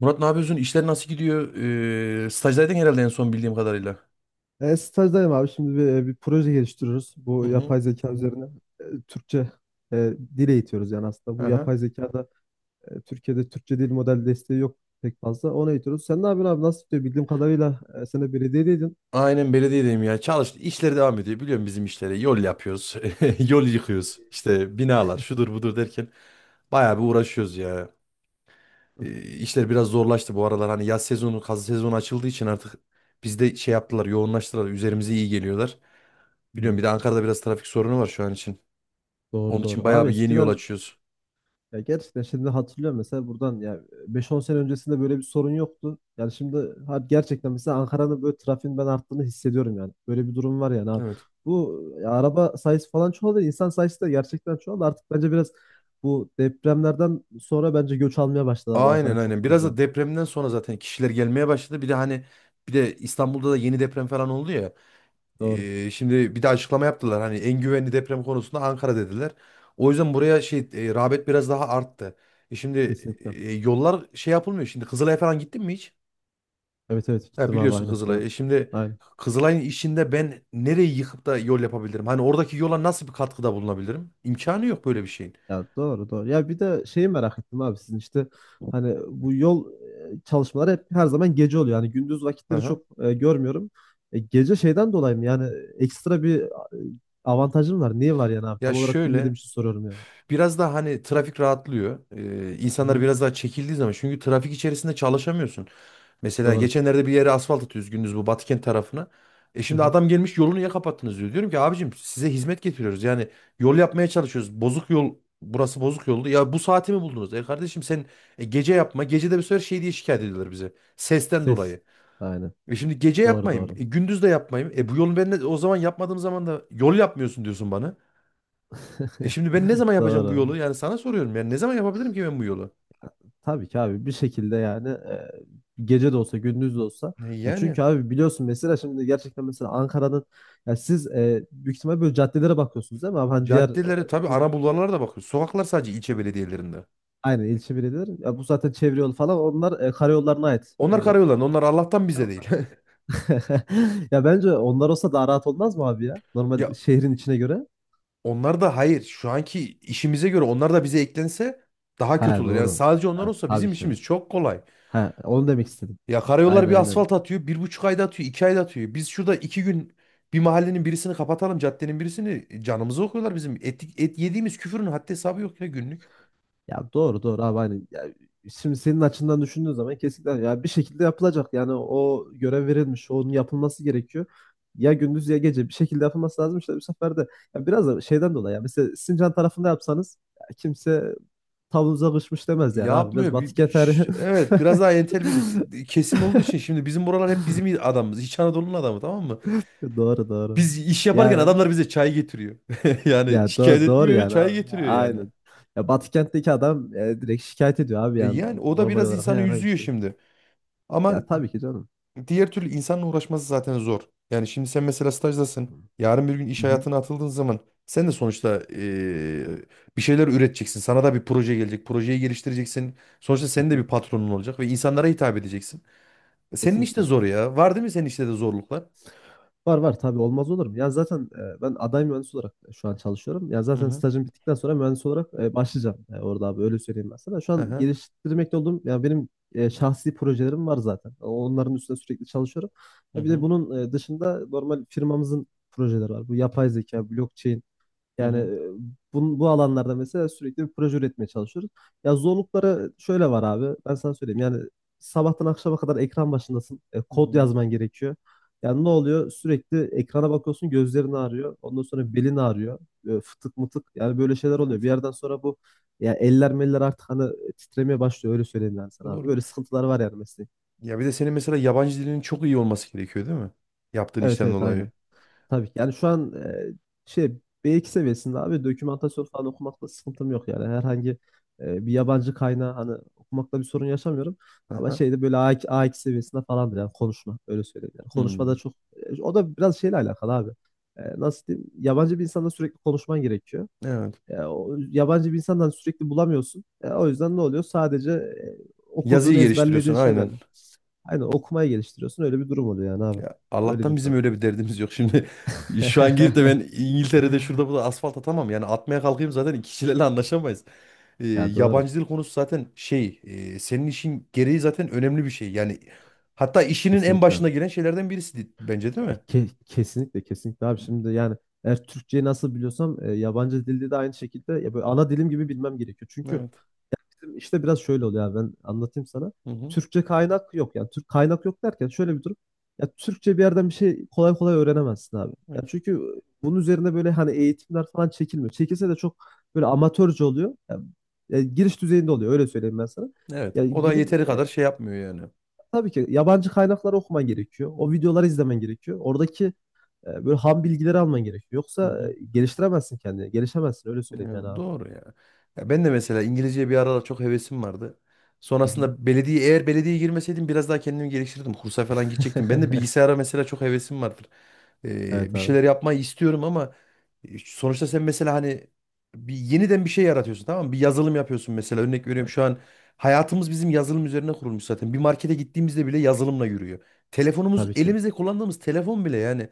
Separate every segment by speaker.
Speaker 1: Murat ne yapıyorsun? İşler nasıl gidiyor? Stajdaydın herhalde en son bildiğim kadarıyla.
Speaker 2: Stajdayım abi. Şimdi bir proje geliştiriyoruz.
Speaker 1: Hı
Speaker 2: Bu
Speaker 1: hı.
Speaker 2: yapay zeka üzerine Türkçe dil eğitiyoruz yani aslında. Bu
Speaker 1: Aha.
Speaker 2: yapay zekada Türkiye'de Türkçe dil model desteği yok pek fazla. Onu eğitiyoruz. Sen ne yapıyorsun abi? Nasıl gidiyor? Bildiğim kadarıyla sen de belediyedeydin.
Speaker 1: Aynen belediyedeyim ya. Çalıştı. İşleri devam ediyor. Biliyorum bizim işleri. Yol yapıyoruz. Yol yıkıyoruz. İşte binalar şudur budur derken bayağı bir uğraşıyoruz ya. İşler biraz zorlaştı bu aralar. Hani yaz sezonu, kaz sezonu açıldığı için artık bizde şey yaptılar, yoğunlaştılar. Üzerimize iyi geliyorlar.
Speaker 2: Hmm,
Speaker 1: Biliyorum, bir de Ankara'da biraz trafik sorunu var şu an için.
Speaker 2: doğru
Speaker 1: Onun için
Speaker 2: doğru.
Speaker 1: bayağı
Speaker 2: Abi
Speaker 1: bir yeni yol
Speaker 2: eskiden.
Speaker 1: açıyoruz.
Speaker 2: Ya gerçekten şimdi hatırlıyorum mesela buradan ya beş on sene öncesinde böyle bir sorun yoktu. Yani şimdi gerçekten mesela Ankara'nın böyle trafiğin ben arttığını hissediyorum yani. Böyle bir durum var yani abi.
Speaker 1: Evet.
Speaker 2: Bu ya araba sayısı falan çoğaldı. İnsan sayısı da gerçekten çoğaldı. Artık bence biraz bu depremlerden sonra bence göç almaya başladı abi,
Speaker 1: Aynen
Speaker 2: Ankara, çok
Speaker 1: aynen. Biraz da
Speaker 2: fazla.
Speaker 1: depremden sonra zaten kişiler gelmeye başladı. Bir de hani, bir de İstanbul'da da yeni deprem falan oldu ya.
Speaker 2: Doğru.
Speaker 1: Şimdi bir de açıklama yaptılar. Hani en güvenli deprem konusunda Ankara dediler. O yüzden buraya şey rağbet biraz daha arttı. Şimdi
Speaker 2: Kesinlikle.
Speaker 1: yollar şey yapılmıyor. Şimdi Kızılay'a falan gittin mi hiç?
Speaker 2: Evet evet,
Speaker 1: Ha,
Speaker 2: gittim abi
Speaker 1: biliyorsun
Speaker 2: aynen.
Speaker 1: Kızılay'ı.
Speaker 2: Ya.
Speaker 1: Şimdi
Speaker 2: Aynen.
Speaker 1: Kızılay'ın içinde ben nereyi yıkıp da yol yapabilirim? Hani oradaki yola nasıl bir katkıda bulunabilirim? İmkanı yok böyle bir şeyin.
Speaker 2: Ya doğru doğru. Ya bir de şeyi merak ettim abi, sizin işte hani bu yol çalışmaları hep her zaman gece oluyor. Yani gündüz vakitleri
Speaker 1: Aha.
Speaker 2: çok görmüyorum. Gece şeyden dolayı mı? Yani ekstra bir avantajım var. Niye var yani abi?
Speaker 1: Ya
Speaker 2: Tam olarak bilmediğim
Speaker 1: şöyle,
Speaker 2: için soruyorum yani.
Speaker 1: biraz daha hani trafik rahatlıyor.
Speaker 2: Hı
Speaker 1: İnsanlar
Speaker 2: hı.
Speaker 1: biraz daha çekildiği zaman, çünkü trafik içerisinde çalışamıyorsun. Mesela
Speaker 2: Doğru.
Speaker 1: geçenlerde bir yere asfalt atıyoruz gündüz, bu Batıkent tarafına.
Speaker 2: Hı
Speaker 1: Şimdi
Speaker 2: hı.
Speaker 1: adam gelmiş, yolunu niye kapattınız diyor. Diyorum ki abicim, size hizmet getiriyoruz. Yani yol yapmaya çalışıyoruz. Bozuk yol, burası bozuk yoldu. Ya bu saati mi buldunuz? Kardeşim sen gece yapma. Gece de bir sefer şey diye şikayet ediyorlar bize. Sesten
Speaker 2: Ses.
Speaker 1: dolayı.
Speaker 2: Aynen.
Speaker 1: Şimdi gece
Speaker 2: Doğru
Speaker 1: yapmayayım.
Speaker 2: doğru.
Speaker 1: Gündüz de yapmayayım. Bu yolu ben de o zaman yapmadığım zaman da yol yapmıyorsun diyorsun bana. Şimdi ben ne zaman yapacağım bu
Speaker 2: Doğru.
Speaker 1: yolu? Yani sana soruyorum. Yani ne zaman yapabilirim ki ben bu yolu?
Speaker 2: Tabii ki abi, bir şekilde yani, gece de olsa gündüz de olsa, ya
Speaker 1: Yani
Speaker 2: çünkü abi biliyorsun mesela şimdi gerçekten mesela Ankara'nın, ya siz büyük ihtimal böyle caddelere bakıyorsunuz değil mi abi, hani diğer
Speaker 1: caddeleri tabii,
Speaker 2: bu
Speaker 1: ana bulvarlara da bakıyor. Sokaklar sadece ilçe belediyelerinde.
Speaker 2: aynı ilçe belediyeleri, ya bu zaten çevre yolu falan onlar karayollarına ait.
Speaker 1: Onlar
Speaker 2: Ya,
Speaker 1: karayollarında. Onlar Allah'tan bize değil.
Speaker 2: ya bence onlar olsa daha rahat olmaz mı abi ya?
Speaker 1: Ya
Speaker 2: Normal şehrin içine göre.
Speaker 1: onlar da hayır. Şu anki işimize göre onlar da bize eklense daha kötü
Speaker 2: Ha
Speaker 1: olur. Yani
Speaker 2: doğru.
Speaker 1: sadece onlar
Speaker 2: Ha,
Speaker 1: olsa
Speaker 2: tabii
Speaker 1: bizim
Speaker 2: ki.
Speaker 1: işimiz çok kolay.
Speaker 2: Ha, onu demek istedim.
Speaker 1: Ya karayollar
Speaker 2: Aynen
Speaker 1: bir
Speaker 2: aynen.
Speaker 1: asfalt atıyor. 1,5 ayda atıyor. 2 ayda atıyor. Biz şurada 2 gün bir mahallenin birisini kapatalım, caddenin birisini, canımızı okuyorlar bizim. Et yediğimiz küfürün haddi hesabı yok ya günlük.
Speaker 2: Ya doğru doğru abi, hani ya şimdi senin açından düşündüğün zaman kesinlikle ya bir şekilde yapılacak. Yani o görev verilmiş, onun yapılması gerekiyor. Ya gündüz ya gece bir şekilde yapılması lazım işte, bu sefer de ya biraz da şeyden dolayı, ya mesela Sincan tarafında yapsanız ya kimse tavuğunuza kışmış demez yani abi, biraz
Speaker 1: Yapmıyor. Bir,
Speaker 2: batık yeter.
Speaker 1: ş- evet biraz daha entel bir kesim olduğu için şimdi, bizim buralar hep bizim adamımız. İç Anadolu'nun adamı, tamam mı?
Speaker 2: Doğru doğru.
Speaker 1: Biz iş yaparken
Speaker 2: Yani
Speaker 1: adamlar bize çay getiriyor. Yani
Speaker 2: ya
Speaker 1: şikayet
Speaker 2: doğru, doğru
Speaker 1: etmiyor,
Speaker 2: yani
Speaker 1: çay
Speaker 2: abi.
Speaker 1: getiriyor yani.
Speaker 2: Aynen. Ya Batı kentteki adam direkt şikayet ediyor abi, yani
Speaker 1: Yani o da
Speaker 2: normal
Speaker 1: biraz
Speaker 2: olarak.
Speaker 1: insanı
Speaker 2: Ya,
Speaker 1: üzüyor şimdi. Ama
Speaker 2: ya tabii ki canım.
Speaker 1: diğer türlü insanla uğraşması zaten zor. Yani şimdi sen mesela stajdasın. Yarın bir gün
Speaker 2: Hı
Speaker 1: iş
Speaker 2: hı.
Speaker 1: hayatına atıldığın zaman sen de sonuçta bir şeyler üreteceksin. Sana da bir proje gelecek. Projeyi geliştireceksin. Sonuçta
Speaker 2: Hı
Speaker 1: senin de
Speaker 2: hı.
Speaker 1: bir patronun olacak ve insanlara hitap edeceksin. Senin işte
Speaker 2: Kesinlikle.
Speaker 1: zor ya. Var değil mi senin işte de zorluklar?
Speaker 2: Var var, tabii, olmaz olur mu? Ya zaten ben aday mühendis olarak şu an çalışıyorum. Ya
Speaker 1: Hı
Speaker 2: zaten
Speaker 1: hı.
Speaker 2: stajım bittikten sonra mühendis olarak başlayacağım orada abi, öyle söyleyeyim ben sana. Şu an
Speaker 1: Aha.
Speaker 2: geliştirmekte olduğum, ya benim şahsi projelerim var zaten. Onların üstüne sürekli çalışıyorum.
Speaker 1: Hı
Speaker 2: Ya bir de
Speaker 1: hı.
Speaker 2: bunun dışında normal firmamızın projeleri var. Bu yapay zeka, blockchain.
Speaker 1: Hı
Speaker 2: Yani
Speaker 1: hı.
Speaker 2: bu alanlarda mesela sürekli bir proje üretmeye çalışıyoruz. Ya zorlukları şöyle var abi. Ben sana söyleyeyim. Yani sabahtan akşama kadar ekran başındasın.
Speaker 1: Hı hı.
Speaker 2: Kod
Speaker 1: Hı.
Speaker 2: yazman gerekiyor. Yani ne oluyor? Sürekli ekrana bakıyorsun, gözlerin ağrıyor. Ondan sonra belin ağrıyor. Fıtık mıtık. Yani böyle şeyler oluyor. Bir
Speaker 1: Evet.
Speaker 2: yerden sonra bu, ya eller meller artık hani titremeye başlıyor. Öyle söyleyeyim yani sana abi.
Speaker 1: Doğru.
Speaker 2: Böyle sıkıntılar var yani mesela.
Speaker 1: Ya bir de senin mesela yabancı dilinin çok iyi olması gerekiyor değil mi? Yaptığın
Speaker 2: Evet
Speaker 1: işten
Speaker 2: evet
Speaker 1: dolayı.
Speaker 2: aynen. Tabii ki. Yani şu an şey B2 seviyesinde abi, dokümantasyon falan okumakla sıkıntım yok yani. Herhangi bir yabancı kaynağı hani okumakla bir sorun yaşamıyorum. Ama
Speaker 1: Aha.
Speaker 2: şeyde böyle A2, A2 seviyesinde falandır yani konuşma, öyle söyleyeyim. Yani
Speaker 1: Hmm.
Speaker 2: konuşmada çok o da biraz şeyle alakalı abi. Nasıl diyeyim? Yabancı bir insanla sürekli konuşman gerekiyor.
Speaker 1: Evet.
Speaker 2: O, yabancı bir insandan sürekli bulamıyorsun. O yüzden ne oluyor? Sadece
Speaker 1: Yazıyı
Speaker 2: okuduğunu ezberlediğin
Speaker 1: geliştiriyorsun aynen.
Speaker 2: şeylerle. Aynen, okumayı geliştiriyorsun. Öyle bir durum oluyor yani abi.
Speaker 1: Ya
Speaker 2: Öyle
Speaker 1: Allah'tan
Speaker 2: diyeyim
Speaker 1: bizim
Speaker 2: sana.
Speaker 1: öyle bir derdimiz yok. Şimdi şu an gidip de ben İngiltere'de şurada burada asfalt atamam. Yani atmaya kalkayım zaten kişilerle anlaşamayız.
Speaker 2: Ya doğru.
Speaker 1: Yabancı dil konusu zaten şey senin işin gereği zaten önemli bir şey. Yani hatta işinin en
Speaker 2: Kesinlikle.
Speaker 1: başına gelen şeylerden birisi bence, değil
Speaker 2: Ya
Speaker 1: mi?
Speaker 2: kesinlikle kesinlikle abi, şimdi yani eğer Türkçeyi nasıl biliyorsam yabancı dilde de aynı şekilde ya böyle ana dilim gibi bilmem gerekiyor. Çünkü
Speaker 1: Evet.
Speaker 2: bizim işte biraz şöyle oluyor abi, ben anlatayım sana.
Speaker 1: Hı hı.
Speaker 2: Türkçe kaynak yok, yani Türk kaynak yok derken şöyle bir durum. Ya Türkçe bir yerden bir şey kolay kolay öğrenemezsin abi. Ya
Speaker 1: Evet.
Speaker 2: çünkü bunun üzerine böyle hani eğitimler falan çekilmiyor. Çekilse de çok böyle amatörce oluyor. Ya giriş düzeyinde oluyor, öyle söyleyeyim ben sana.
Speaker 1: Evet.
Speaker 2: Ya
Speaker 1: O da
Speaker 2: gidip
Speaker 1: yeteri kadar şey yapmıyor yani.
Speaker 2: tabii ki yabancı kaynakları okuman gerekiyor. O videoları izlemen gerekiyor. Oradaki böyle ham bilgileri alman gerekiyor. Yoksa geliştiremezsin kendini. Gelişemezsin, öyle
Speaker 1: Ya
Speaker 2: söyleyeyim yani abi.
Speaker 1: doğru ya. Ya ben de mesela İngilizceye bir aralar çok hevesim vardı.
Speaker 2: Hı hı.
Speaker 1: Sonrasında belediye, eğer belediyeye girmeseydim biraz daha kendimi geliştirirdim. Kursa falan gidecektim. Ben de bilgisayara mesela çok hevesim vardır.
Speaker 2: Evet
Speaker 1: Bir
Speaker 2: abi.
Speaker 1: şeyler yapmayı istiyorum ama sonuçta sen mesela hani bir yeniden bir şey yaratıyorsun, tamam mı? Bir yazılım yapıyorsun mesela, örnek veriyorum,
Speaker 2: Evet,
Speaker 1: şu an hayatımız bizim yazılım üzerine kurulmuş zaten. Bir markete gittiğimizde bile yazılımla yürüyor. Telefonumuz,
Speaker 2: tabii ki.
Speaker 1: elimizde kullandığımız telefon bile yani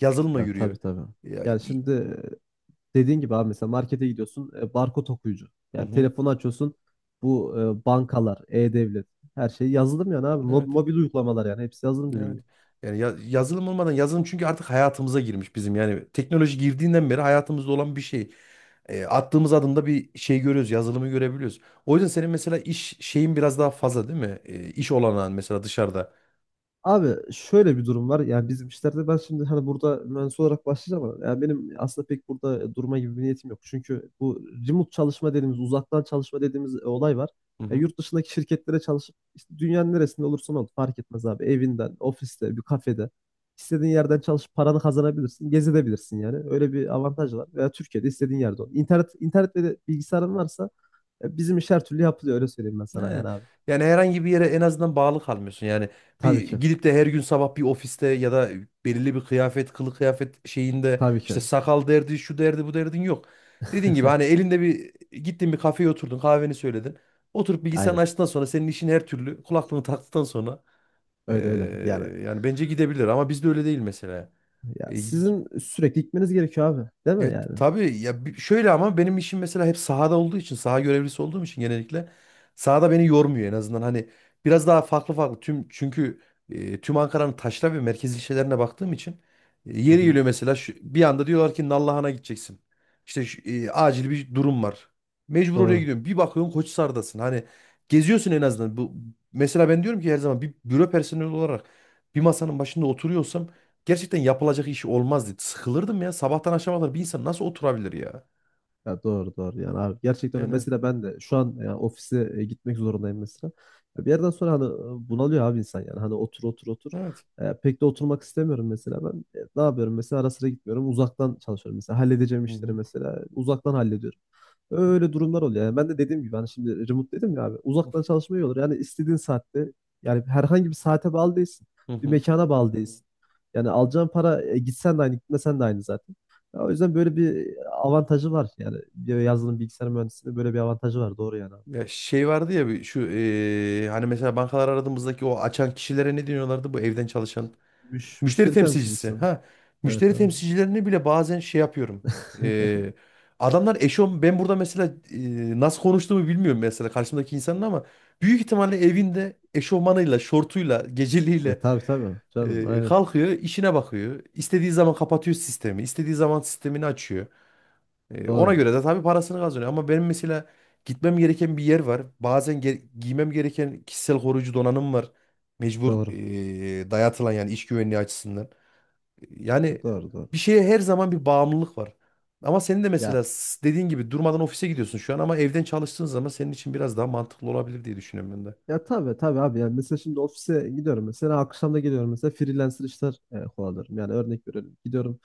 Speaker 1: yazılımla
Speaker 2: Ya
Speaker 1: yürüyor.
Speaker 2: tabii tabii.
Speaker 1: Ya,
Speaker 2: Yani şimdi dediğin gibi abi, mesela markete gidiyorsun, barkod okuyucu.
Speaker 1: hı
Speaker 2: Yani
Speaker 1: hı.
Speaker 2: telefonu açıyorsun, bu bankalar, e-devlet, her şey yazılım yani abi.
Speaker 1: Evet.
Speaker 2: Mobil uygulamalar, yani hepsi yazılım dediğin
Speaker 1: Evet.
Speaker 2: gibi.
Speaker 1: Yani yazılım olmadan, yazılım çünkü artık hayatımıza girmiş bizim. Yani teknoloji girdiğinden beri hayatımızda olan bir şey. Attığımız adımda bir şey görüyoruz, yazılımı görebiliyoruz. O yüzden senin mesela iş şeyin biraz daha fazla değil mi? İş olanağın mesela dışarıda.
Speaker 2: Abi şöyle bir durum var. Yani bizim işlerde ben şimdi hani burada mühendis olarak başlayacağım ama yani benim aslında pek burada durma gibi bir niyetim yok. Çünkü bu remote çalışma dediğimiz, uzaktan çalışma dediğimiz olay var. Ya yurt dışındaki şirketlere çalışıp işte dünyanın neresinde olursan ol fark etmez abi. Evinden, ofiste, bir kafede, istediğin yerden çalışıp paranı kazanabilirsin, gezebilirsin yani. Öyle bir avantaj var. Veya Türkiye'de istediğin yerde ol. İnternet internetle de bilgisayarın varsa bizim iş her türlü yapılıyor, öyle söyleyeyim ben sana
Speaker 1: Yani,
Speaker 2: yani abi.
Speaker 1: yani herhangi bir yere en azından bağlı kalmıyorsun. Yani bir
Speaker 2: Tabii ki.
Speaker 1: gidip de her gün sabah bir ofiste, ya da belirli bir kılı kıyafet şeyinde
Speaker 2: Tabii
Speaker 1: işte
Speaker 2: ki.
Speaker 1: sakal derdi, şu derdi, bu derdin yok. Dediğin gibi hani elinde bir gittin bir kafeye oturdun, kahveni söyledin. Oturup bilgisayarını
Speaker 2: Aynen.
Speaker 1: açtıktan sonra senin işin her türlü, kulaklığını taktıktan sonra
Speaker 2: Öyle öyle. Yani
Speaker 1: yani bence gidebilir, ama bizde öyle değil mesela.
Speaker 2: ya
Speaker 1: E,
Speaker 2: sizin sürekli gitmeniz gerekiyor abi. Değil mi
Speaker 1: Evet
Speaker 2: yani?
Speaker 1: tabii ya, şöyle, ama benim işim mesela hep sahada olduğu için, saha görevlisi olduğum için, genellikle sahada beni yormuyor en azından. Hani biraz daha farklı farklı, çünkü tüm Ankara'nın taşra ve merkez ilçelerine baktığım için,
Speaker 2: Hı
Speaker 1: yeri
Speaker 2: hı.
Speaker 1: geliyor mesela, bir anda diyorlar ki Nallıhan'a gideceksin. İşte acil bir durum var. Mecbur oraya
Speaker 2: Doğru.
Speaker 1: gidiyorum. Bir bakıyorsun Koçhisar'dasın. Hani geziyorsun en azından. Bu mesela, ben diyorum ki her zaman bir büro personeli olarak bir masanın başında oturuyorsam gerçekten yapılacak iş olmazdı. Sıkılırdım ya. Sabahtan akşama kadar bir insan nasıl oturabilir ya?
Speaker 2: Ya doğru doğru yani abi, gerçekten öyle.
Speaker 1: Yani
Speaker 2: Mesela ben de şu an yani ofise gitmek zorundayım mesela. Ya bir yerden sonra hani bunalıyor abi insan, yani hani otur otur otur.
Speaker 1: evet.
Speaker 2: Pek de oturmak istemiyorum mesela ben. Ne yapıyorum mesela, ara sıra gitmiyorum, uzaktan çalışıyorum, mesela halledeceğim
Speaker 1: Hı
Speaker 2: işleri
Speaker 1: hı.
Speaker 2: mesela uzaktan hallediyorum. Öyle durumlar oluyor. Yani ben de dediğim gibi hani şimdi remote dedim ya abi, uzaktan çalışma iyi olur. Yani istediğin saatte, yani herhangi bir saate bağlı değilsin.
Speaker 1: Hı
Speaker 2: Bir
Speaker 1: hı.
Speaker 2: mekana bağlı değilsin. Yani alacağın para, gitsen de aynı gitmesen de aynı zaten. Ya o yüzden böyle bir avantajı var yani. Bir Yazılım bilgisayar mühendisliğinde böyle bir avantajı var. Doğru yani abi.
Speaker 1: Ya şey vardı ya, bir şu hani mesela bankalar aradığımızdaki o açan kişilere ne diyorlardı, bu evden çalışan müşteri
Speaker 2: Müşteri
Speaker 1: temsilcisi.
Speaker 2: temsilcisin.
Speaker 1: Ha,
Speaker 2: Evet
Speaker 1: müşteri
Speaker 2: abi.
Speaker 1: temsilcilerini bile bazen şey yapıyorum. Eee, Adamlar eşofman, ben burada mesela nasıl konuştuğumu bilmiyorum mesela karşımdaki insanın, ama büyük ihtimalle evinde eşofmanıyla, şortuyla,
Speaker 2: E
Speaker 1: geceliğiyle
Speaker 2: tabii tabii. Canım aynen.
Speaker 1: Kalkıyor, işine bakıyor. İstediği zaman kapatıyor sistemi. İstediği zaman sistemini açıyor. Ona
Speaker 2: Doğru.
Speaker 1: göre de tabii parasını kazanıyor. Ama benim mesela gitmem gereken bir yer var. Bazen giymem gereken kişisel koruyucu donanım var. Mecbur
Speaker 2: Doğru.
Speaker 1: dayatılan, yani iş güvenliği açısından. Yani
Speaker 2: Doğru doğru.
Speaker 1: bir şeye her zaman bir bağımlılık var. Ama senin de
Speaker 2: Ya
Speaker 1: mesela, dediğin gibi durmadan ofise gidiyorsun şu an, ama evden çalıştığın zaman senin için biraz daha mantıklı olabilir diye düşünüyorum ben de.
Speaker 2: Ya tabii tabii abi, yani mesela şimdi ofise gidiyorum, mesela akşam da geliyorum, mesela freelancer işler kovalıyorum. Yani örnek veriyorum, gidiyorum,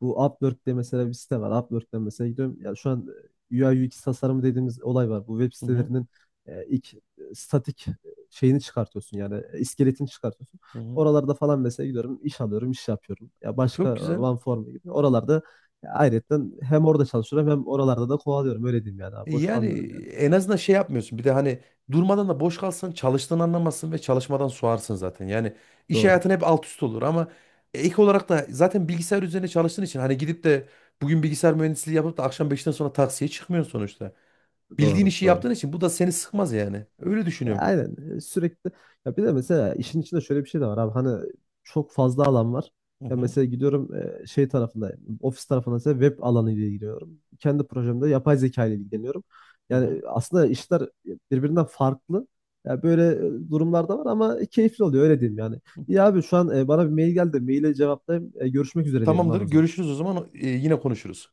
Speaker 2: bu Upwork diye mesela bir site var. Upwork'ten mesela gidiyorum. Ya şu an UI UX tasarımı dediğimiz olay var. Bu web
Speaker 1: Hı hı,
Speaker 2: sitelerinin ilk statik şeyini çıkartıyorsun, yani iskeletini çıkartıyorsun.
Speaker 1: hı hı.
Speaker 2: Oralarda falan mesela gidiyorum, iş alıyorum, iş yapıyorum. Ya başka
Speaker 1: Çok güzel.
Speaker 2: OneForm gibi oralarda ayrıyetten hem orada çalışıyorum hem oralarda da kovalıyorum, öyle diyeyim yani abi. Boş
Speaker 1: Yani
Speaker 2: kalmıyorum yani.
Speaker 1: en azından şey yapmıyorsun. Bir de hani durmadan da boş kalsan çalıştığını anlamazsın ve çalışmadan soğarsın zaten. Yani iş
Speaker 2: Doğru.
Speaker 1: hayatın hep alt üst olur, ama ek olarak da zaten bilgisayar üzerine çalıştığın için, hani gidip de bugün bilgisayar mühendisliği yapıp da akşam 5'ten sonra taksiye çıkmıyorsun sonuçta. Bildiğin
Speaker 2: Doğru,
Speaker 1: işi
Speaker 2: doğru.
Speaker 1: yaptığın için bu da seni sıkmaz yani. Öyle
Speaker 2: Ya
Speaker 1: düşünüyorum.
Speaker 2: aynen, sürekli ya bir de mesela işin içinde şöyle bir şey de var abi, hani çok fazla alan var.
Speaker 1: Hı
Speaker 2: Ya
Speaker 1: hı,
Speaker 2: mesela gidiyorum, şey tarafında, ofis tarafında mesela web alanı ile ilgileniyorum. Kendi projemde yapay zeka ile ilgileniyorum.
Speaker 1: hı hı.
Speaker 2: Yani aslında işler birbirinden farklı. Ya böyle durumlar da var ama keyifli oluyor, öyle diyeyim yani. Ya abi şu an bana bir mail geldi. Maile cevaplayayım. Görüşmek üzere diyelim
Speaker 1: Tamamdır.
Speaker 2: abi o zaman.
Speaker 1: Görüşürüz o zaman. Yine konuşuruz.